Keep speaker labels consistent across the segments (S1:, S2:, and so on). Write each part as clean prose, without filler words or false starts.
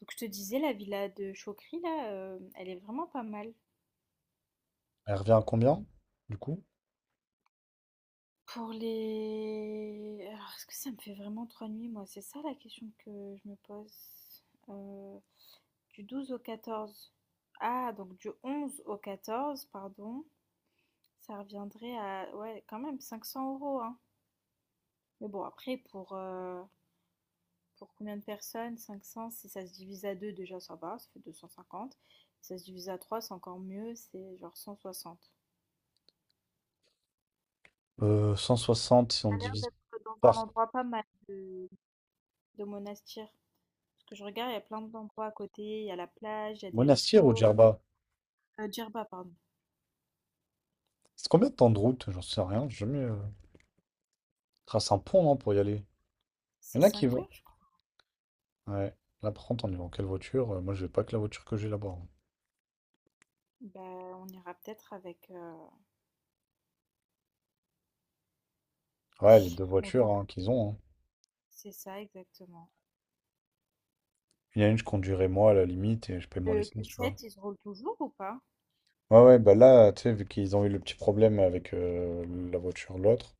S1: Donc je te disais, la villa de Chokri, là, elle est vraiment pas mal.
S2: Elle revient à combien, du coup?
S1: Pour les... Alors, est-ce que ça me fait vraiment trois nuits, moi? C'est ça la question que je me pose. Euh, du 12 au 14. Ah, donc du 11 au 14, pardon. Ça reviendrait à... Ouais, quand même, 500 euros, hein. Mais bon, après, pour combien de personnes? 500, si ça se divise à deux, déjà, ça va, ça fait 250. Si ça se divise à trois, c'est encore mieux, c'est genre 160.
S2: 160 si on
S1: A l'air
S2: divise
S1: d'être dans un
S2: par...
S1: endroit pas mal de Monastir. Parce que je regarde, il y a plein d'endroits à côté. Il y a la plage, il y a des
S2: Monastir ou
S1: restos.
S2: Djerba?
S1: Djerba, pardon.
S2: C'est combien de temps de route? J'en sais rien. J'ai jamais trace un pont, non, pour y aller. Il
S1: C'est
S2: y en a qui
S1: 5
S2: vont.
S1: heures, je crois.
S2: Ouais. Là, par contre, on y va en quelle voiture? Moi, je vais pas que la voiture que j'ai là-bas, hein.
S1: Bah, on ira peut-être avec.
S2: Ouais, les deux
S1: On
S2: voitures
S1: verra.
S2: hein, qu'ils ont, hein.
S1: C'est ça, exactement.
S2: Il y en a une, je conduirai moi à la limite et je paye mon
S1: Le
S2: essence, tu vois.
S1: Q7, il se roule toujours ou pas?
S2: Ouais, ouais, bah là, tu sais, vu qu'ils ont eu le petit problème avec la voiture, l'autre,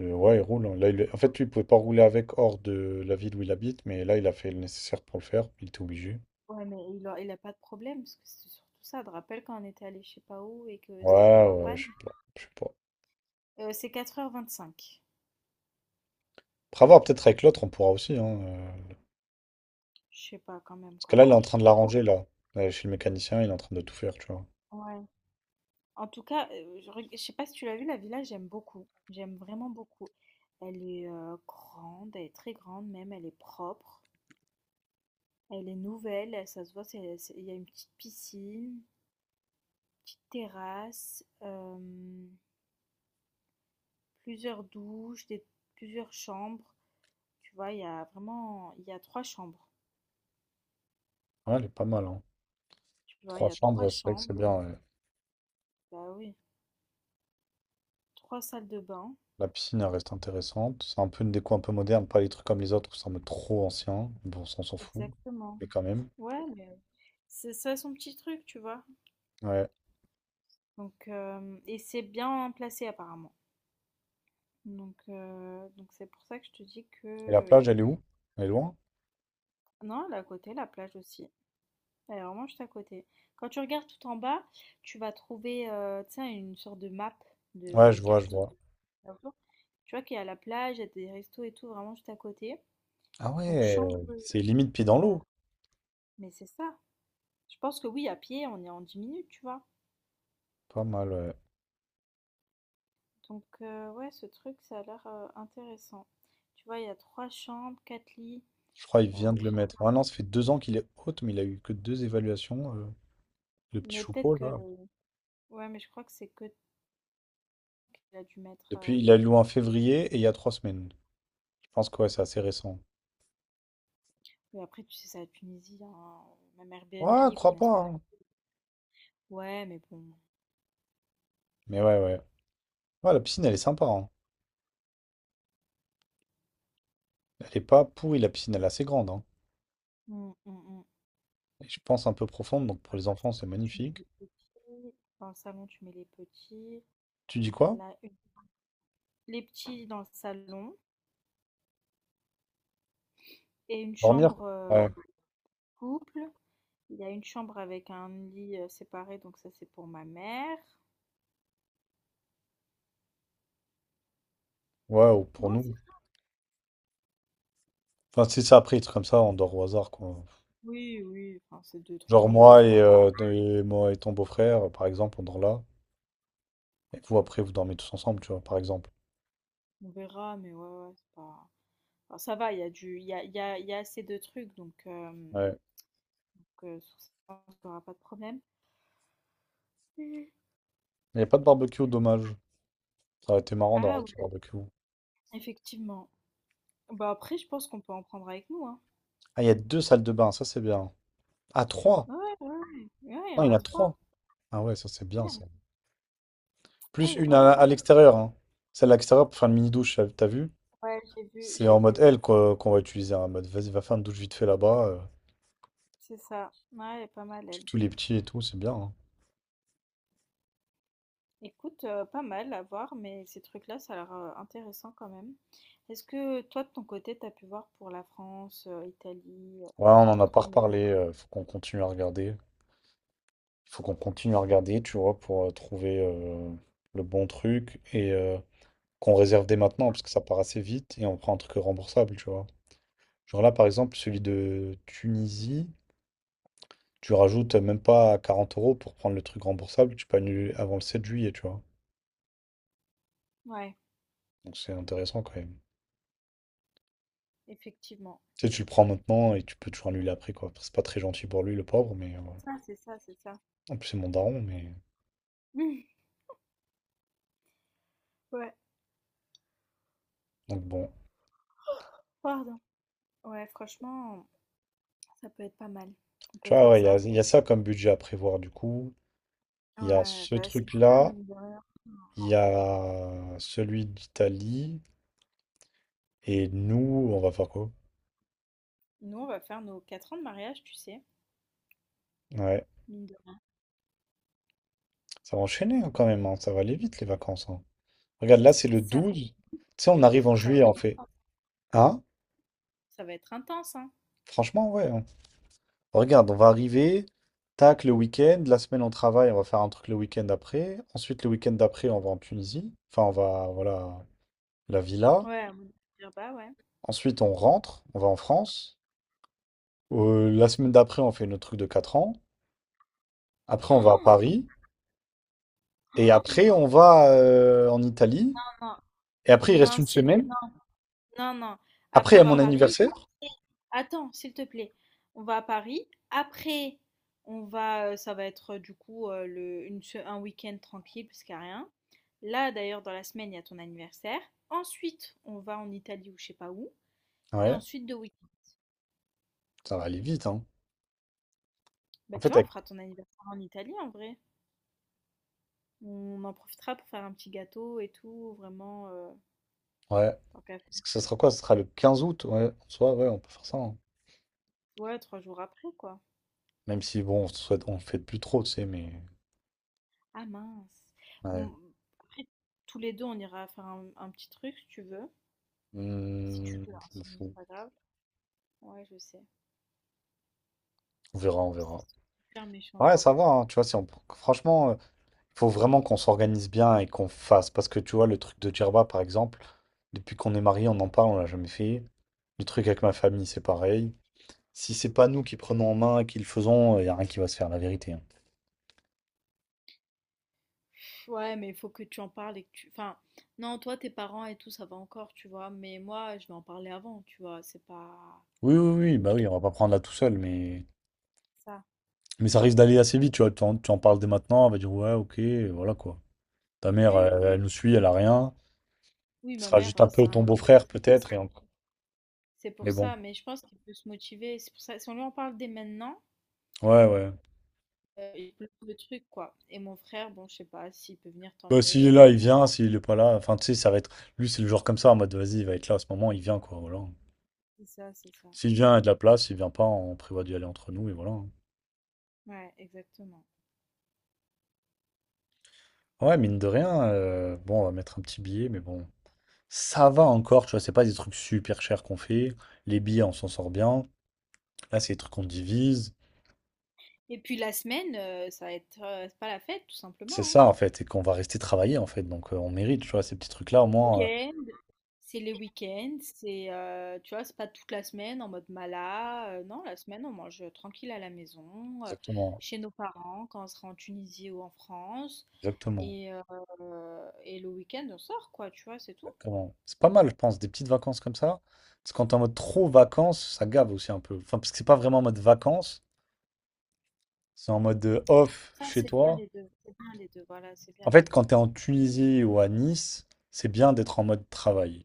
S2: ouais, il roule, hein. Là, en fait, lui, il pouvait pas rouler avec hors de la ville où il habite, mais là, il a fait le nécessaire pour le faire. Il était obligé.
S1: Ouais, mais il a pas de problème, parce que c'est surtout ça. Je te rappelle quand on était allé je sais pas où et que c'était
S2: Ouais,
S1: tombé en
S2: ouais,
S1: panne?
S2: je sais pas. Je sais pas.
S1: C'est quatre heures vingt-cinq.
S2: Après avoir peut-être avec l'autre, on pourra aussi. Hein,
S1: Je sais pas, quand même,
S2: parce que
S1: quoi.
S2: là, il est en train de
S1: Écoute,
S2: l'arranger, là. Chez le mécanicien, il est en train de tout faire, tu vois.
S1: ouais. En tout cas, je reg sais pas si tu l'as vu la villa, j'aime beaucoup. J'aime vraiment beaucoup. Elle est, grande, elle est très grande même, elle est propre, elle est nouvelle, elle ça se voit, c'est il y a une petite piscine, petite terrasse, plusieurs douches, des plusieurs chambres. Tu vois, il y a vraiment il y a 3 chambres.
S2: Ouais, elle est pas mal, hein.
S1: Tu vois, il
S2: Trois
S1: y a 3
S2: chambres, c'est vrai que
S1: chambres.
S2: c'est bien, ouais.
S1: Bah oui, trois salles de bain.
S2: La piscine, elle reste intéressante. C'est un peu une déco un peu moderne, pas les trucs comme les autres, ça me trop ancien. Bon, ça, on s'en fout.
S1: Exactement.
S2: Mais quand même.
S1: Ouais, mais c'est ça son petit truc, tu vois?
S2: Ouais.
S1: Donc, hem et c'est bien placé apparemment. Donc, donc c'est pour ça que je te dis
S2: Et la
S1: que
S2: plage, elle est où? Elle est loin?
S1: non, elle est à côté la plage aussi. Elle est vraiment juste à côté. Quand tu regardes tout en bas, tu vas trouver, tu sais, une sorte de map, de
S2: Ouais, je
S1: une
S2: vois, je
S1: carte de
S2: vois.
S1: tu vois qu'il y a la plage, il y a des restos et tout vraiment juste à côté.
S2: Ah
S1: Donc
S2: ouais,
S1: chambre,
S2: c'est limite pied dans l'eau.
S1: bah, mais c'est ça. Je pense que oui, à pied, on est en 10 minutes, tu vois?
S2: Pas mal, ouais.
S1: Donc, ouais, ce truc, ça a l'air, intéressant. Tu vois, il y a 3 chambres, 4 lits,
S2: Je crois qu'il vient de le
S1: après
S2: mettre. Ah non, ça fait 2 ans qu'il est haute, mais il a eu que deux évaluations, le petit
S1: mais peut-être
S2: choupeau,
S1: que.
S2: là.
S1: Ouais, mais je crois que c'est que qu'il a dû mettre.
S2: Depuis, il a loué en février et il y a trois semaines. Je pense que ouais, c'est assez récent.
S1: Mais après, tu sais, c'est la Tunisie, hein, même Airbnb,
S2: Ouais,
S1: ils
S2: crois pas,
S1: connaissent pas.
S2: hein.
S1: Ouais, mais bon.
S2: Mais ouais, ouais. Ouais, la piscine, elle est sympa, hein. Elle est pas pourrie, la piscine, elle est assez grande, hein.
S1: Mm, mm, mm.
S2: Et je pense un peu profonde, donc
S1: Dans
S2: pour les
S1: le
S2: enfants, c'est
S1: salon, tu mets
S2: magnifique.
S1: les petits. Dans le salon, tu mets les petits.
S2: Tu dis quoi?
S1: Là, une- les petits dans le salon. Et une
S2: Dormir?
S1: chambre
S2: Ouais.
S1: couple. Il y a une chambre avec un lit séparé, donc ça, c'est pour ma mère.
S2: Ouais, ou pour
S1: Non,
S2: nous.
S1: c'est-
S2: Enfin, si c'est après, des trucs comme ça, on dort au hasard, quoi.
S1: oui, oui. Enfin, c'est deux, trois
S2: Genre
S1: nuits, donc
S2: moi
S1: c'est
S2: et,
S1: pas.
S2: et moi et ton beau-frère, par exemple, on dort là. Et vous, après, vous dormez tous ensemble, tu vois, par exemple.
S1: On verra, mais ouais, ouais, c'est pas. Alors ça va, il y a du, il y a assez de trucs, donc,
S2: Ouais.
S1: sur ça, on n'aura pas de problème. Mhm.
S2: Il n'y a pas de barbecue, dommage. Ça aurait été marrant
S1: Ah
S2: d'avoir un petit
S1: oui,
S2: barbecue.
S1: effectivement. Bah après, je pense qu'on peut en prendre avec nous, hein.
S2: Ah, il y a deux salles de bain, ça c'est bien. Ah, trois?
S1: Ouais, ouais, ouais, ouais, il y
S2: Non, il y
S1: en
S2: en
S1: a
S2: a
S1: trois.
S2: trois. Ah ouais, ça c'est bien,
S1: Ouais, il y en a
S2: ça.
S1: trois,
S2: Plus
S1: il est
S2: une
S1: vraiment pas
S2: à
S1: mal.
S2: l'extérieur, hein. Celle à l'extérieur pour faire une mini-douche, t'as vu?
S1: Ouais, j'ai vu,
S2: C'est en
S1: j'ai
S2: mode
S1: vu.
S2: L quoi, qu'on va utiliser, hein, en mode vas-y, va faire une douche vite fait là-bas,
S1: C'est ça. Ouais, elle est pas mal,
S2: parce
S1: elle.
S2: que tous les petits et tout, c'est bien, hein.
S1: Écoute, pas mal à voir, mais ces trucs-là, ça a l'air intéressant quand même. Est-ce que toi, de ton côté, t'as pu voir pour la France, Italie,
S2: Ouais,
S1: enfin,
S2: on
S1: c'est
S2: n'en
S1: pas
S2: a pas
S1: trop, mais...
S2: reparlé, faut qu'on continue à regarder. Il faut qu'on continue à regarder, tu vois, pour trouver le bon truc et qu'on réserve dès maintenant, parce que ça part assez vite et on prend un truc remboursable, tu vois. Genre là, par exemple, celui de Tunisie, tu rajoutes même pas 40 euros pour prendre le truc remboursable, tu peux annuler avant le 7 juillet, tu vois.
S1: Ouais,
S2: Donc c'est intéressant quand même.
S1: effectivement.
S2: Tu sais, tu le prends maintenant et tu peux toujours l'annuler après, quoi. C'est pas très gentil pour lui, le pauvre, mais voilà.
S1: C'est ça, c'est ça, c'est ça.
S2: En plus, c'est mon daron, mais...
S1: Ouais,
S2: Donc bon.
S1: pardon. Ouais, franchement, ça peut être pas mal. On
S2: Tu
S1: peut
S2: vois,
S1: faire
S2: ouais,
S1: ça.
S2: il y a ça comme budget à prévoir, du coup. Il y a
S1: Ouais,
S2: ce
S1: bah c'est ça,
S2: truc-là,
S1: mine de rien.
S2: il y a celui d'Italie, et nous, on va faire quoi?
S1: Nous, on va faire nos 4 ans de mariage, tu sais,
S2: Ouais,
S1: mine de rien.
S2: ça va enchaîner hein, quand même, hein. Ça va aller vite, les vacances, hein. Regarde, là, c'est le
S1: Ça va
S2: douze. Tu sais, on
S1: être,
S2: arrive en
S1: ça va
S2: juillet,
S1: être,
S2: en fait. Hein?
S1: ça va être intense, hein.
S2: Franchement, ouais. Regarde, on va arriver, tac, le week-end, la semaine on travaille, on va faire un truc le week-end après. Ensuite, le week-end d'après, on va en Tunisie. Enfin, on va, voilà, la villa.
S1: Ouais, on va dire, bah ouais.
S2: Ensuite, on rentre, on va en France. La semaine d'après, on fait notre truc de 4 ans. Après, on va à Paris. Et
S1: Oh, oh,
S2: après, on va en Italie. Et après, il
S1: non,
S2: reste
S1: non,
S2: une
S1: c'est
S2: semaine
S1: non, non.
S2: après
S1: Après, on
S2: à
S1: va à
S2: mon
S1: Paris.
S2: anniversaire?
S1: Après- attends, s'il te plaît. On va à Paris. Après, on va, ça va être du coup le, une se- un week-end tranquille parce qu'il n'y a rien. Là, d'ailleurs, dans la semaine, il y a ton anniversaire. Ensuite, on va en Italie ou je sais pas où. Et
S2: Ouais,
S1: ensuite, deux week-ends.
S2: ça va aller vite, hein.
S1: Bah,
S2: En
S1: tu
S2: fait,
S1: vois, on
S2: avec-
S1: fera ton anniversaire en Italie en vrai. On en profitera pour faire un petit gâteau et tout. Vraiment,
S2: ouais.
S1: tant qu'à
S2: Parce
S1: faire.
S2: que ça sera quoi? Ça sera le 15 août, ouais. En soi, ouais, on peut faire ça, hein.
S1: Ouais, trois jours après, quoi.
S2: Même si, bon, on souhaite, on fait plus trop, tu sais, mais.
S1: Ah mince.
S2: Ouais.
S1: Mm, après, tous les deux, on ira faire un petit truc si tu veux. Si
S2: Hmm,
S1: tu veux, hein,
S2: je m'en
S1: sinon
S2: fous.
S1: c'est pas grave. Ouais, je sais.
S2: On verra, on verra.
S1: C'est super méchant
S2: Ouais,
S1: de
S2: ça
S1: dire
S2: va,
S1: ça.
S2: hein, tu vois, si on... franchement, faut vraiment qu'on s'organise bien et qu'on fasse. Parce que tu vois, le truc de Djerba, par exemple, depuis qu'on est mariés, on en parle, on l'a jamais fait. Le truc avec ma famille, c'est pareil. Si c'est pas nous qui prenons en main et qui le faisons, il y a rien qui va se faire, la vérité, hein.
S1: Ouais, mais il faut que tu en parles et que tu... Enfin, non, toi, tes parents et tout, ça va encore, tu vois. Mais moi, je vais en parler avant, tu vois. C'est pas...
S2: Oui, oui, oui,
S1: Faut que
S2: bah
S1: je te
S2: oui, on va pas prendre là tout seul,
S1: dise ça.
S2: mais ça risque d'aller assez vite, tu vois. Tu en parles dès maintenant, elle va dire ouais, ok, et voilà quoi. Ta
S1: Oui,
S2: mère,
S1: oui,
S2: elle, elle
S1: oui.
S2: nous suit, elle a rien.
S1: Oui,
S2: Ce
S1: ma
S2: sera
S1: mère,
S2: juste un peu
S1: c'est un
S2: ton
S1: défaut
S2: beau-frère,
S1: autistique,
S2: peut-être, et encore.
S1: c'est
S2: Mais
S1: pour
S2: bon,
S1: ça, mais je pense qu'il peut se motiver. C'est pour ça, si on lui en parle dès maintenant,
S2: ouais, ouais.
S1: il peut le truc, quoi. Et mon frère, bon, je sais pas, s'il peut venir, tant
S2: Bah,
S1: mieux,
S2: s'il est là,
S1: sinon...
S2: il vient. S'il est pas là, enfin, tu sais, ça va être. Lui, c'est le genre comme ça, en mode, vas-y, il va être là à ce moment, il vient, quoi. Voilà.
S1: C'est ça, c'est ça.
S2: S'il vient, il y a de la place. S'il vient pas, on prévoit d'y aller entre nous, et voilà.
S1: Ouais, exactement.
S2: Ouais, mine de rien, bon, on va mettre un petit billet, mais bon. Ça va encore, tu vois, c'est pas des trucs super chers qu'on fait. Les billets, on s'en sort bien. Là, c'est des trucs qu'on divise.
S1: Et puis la semaine, ça va être c'est pas la fête, tout simplement.
S2: C'est
S1: Hein.
S2: ça, en fait, et qu'on va rester travailler, en fait. Donc, on mérite, tu vois, ces petits trucs-là, au moins. Euh,
S1: Week-end, c'est les week-ends, c'est, tu vois, c'est pas toute la semaine en mode mala. Non, la semaine, on mange tranquille à la maison,
S2: exactement,
S1: chez nos parents, quand on sera en Tunisie ou en France.
S2: exactement.
S1: Et, et le week-end, on sort, quoi, tu vois, c'est tout.
S2: Exactement. C'est pas mal, je pense, des petites vacances comme ça. Parce que quand t'es en mode trop vacances, ça gave aussi un peu. Enfin, parce que c'est pas vraiment en mode vacances, c'est en mode off
S1: Ça,
S2: chez
S1: c'est bien
S2: toi.
S1: les deux. C'est bien les deux, voilà, c'est bien
S2: En
S1: les
S2: fait,
S1: deux.
S2: quand t'es en Tunisie ou à Nice, c'est bien d'être en mode travail.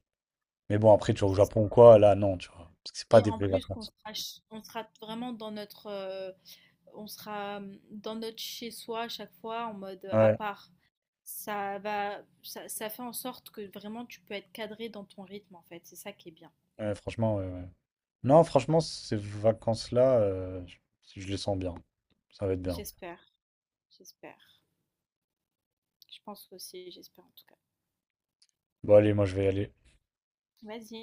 S2: Mais bon, après, tu vas au
S1: C'est ça.
S2: Japon ou quoi, là, non, tu vois. Parce que c'est pas
S1: Et
S2: des
S1: en
S2: vraies
S1: plus qu'on
S2: vacances.
S1: sera, ch- on sera vraiment dans notre, on sera dans notre chez-soi à chaque fois en mode à
S2: Ouais,
S1: part. Ça va, ça fait en sorte que vraiment tu peux être cadré dans ton rythme en fait. C'est ça qui est bien.
S2: ouais, franchement, ouais, ouais. Non, franchement, ces vacances-là, je les sens bien. Ça va être bien.
S1: J'espère, j'espère. Je pense aussi, j'espère en tout cas.
S2: Bon, allez, moi, je vais y aller.
S1: Vas-y.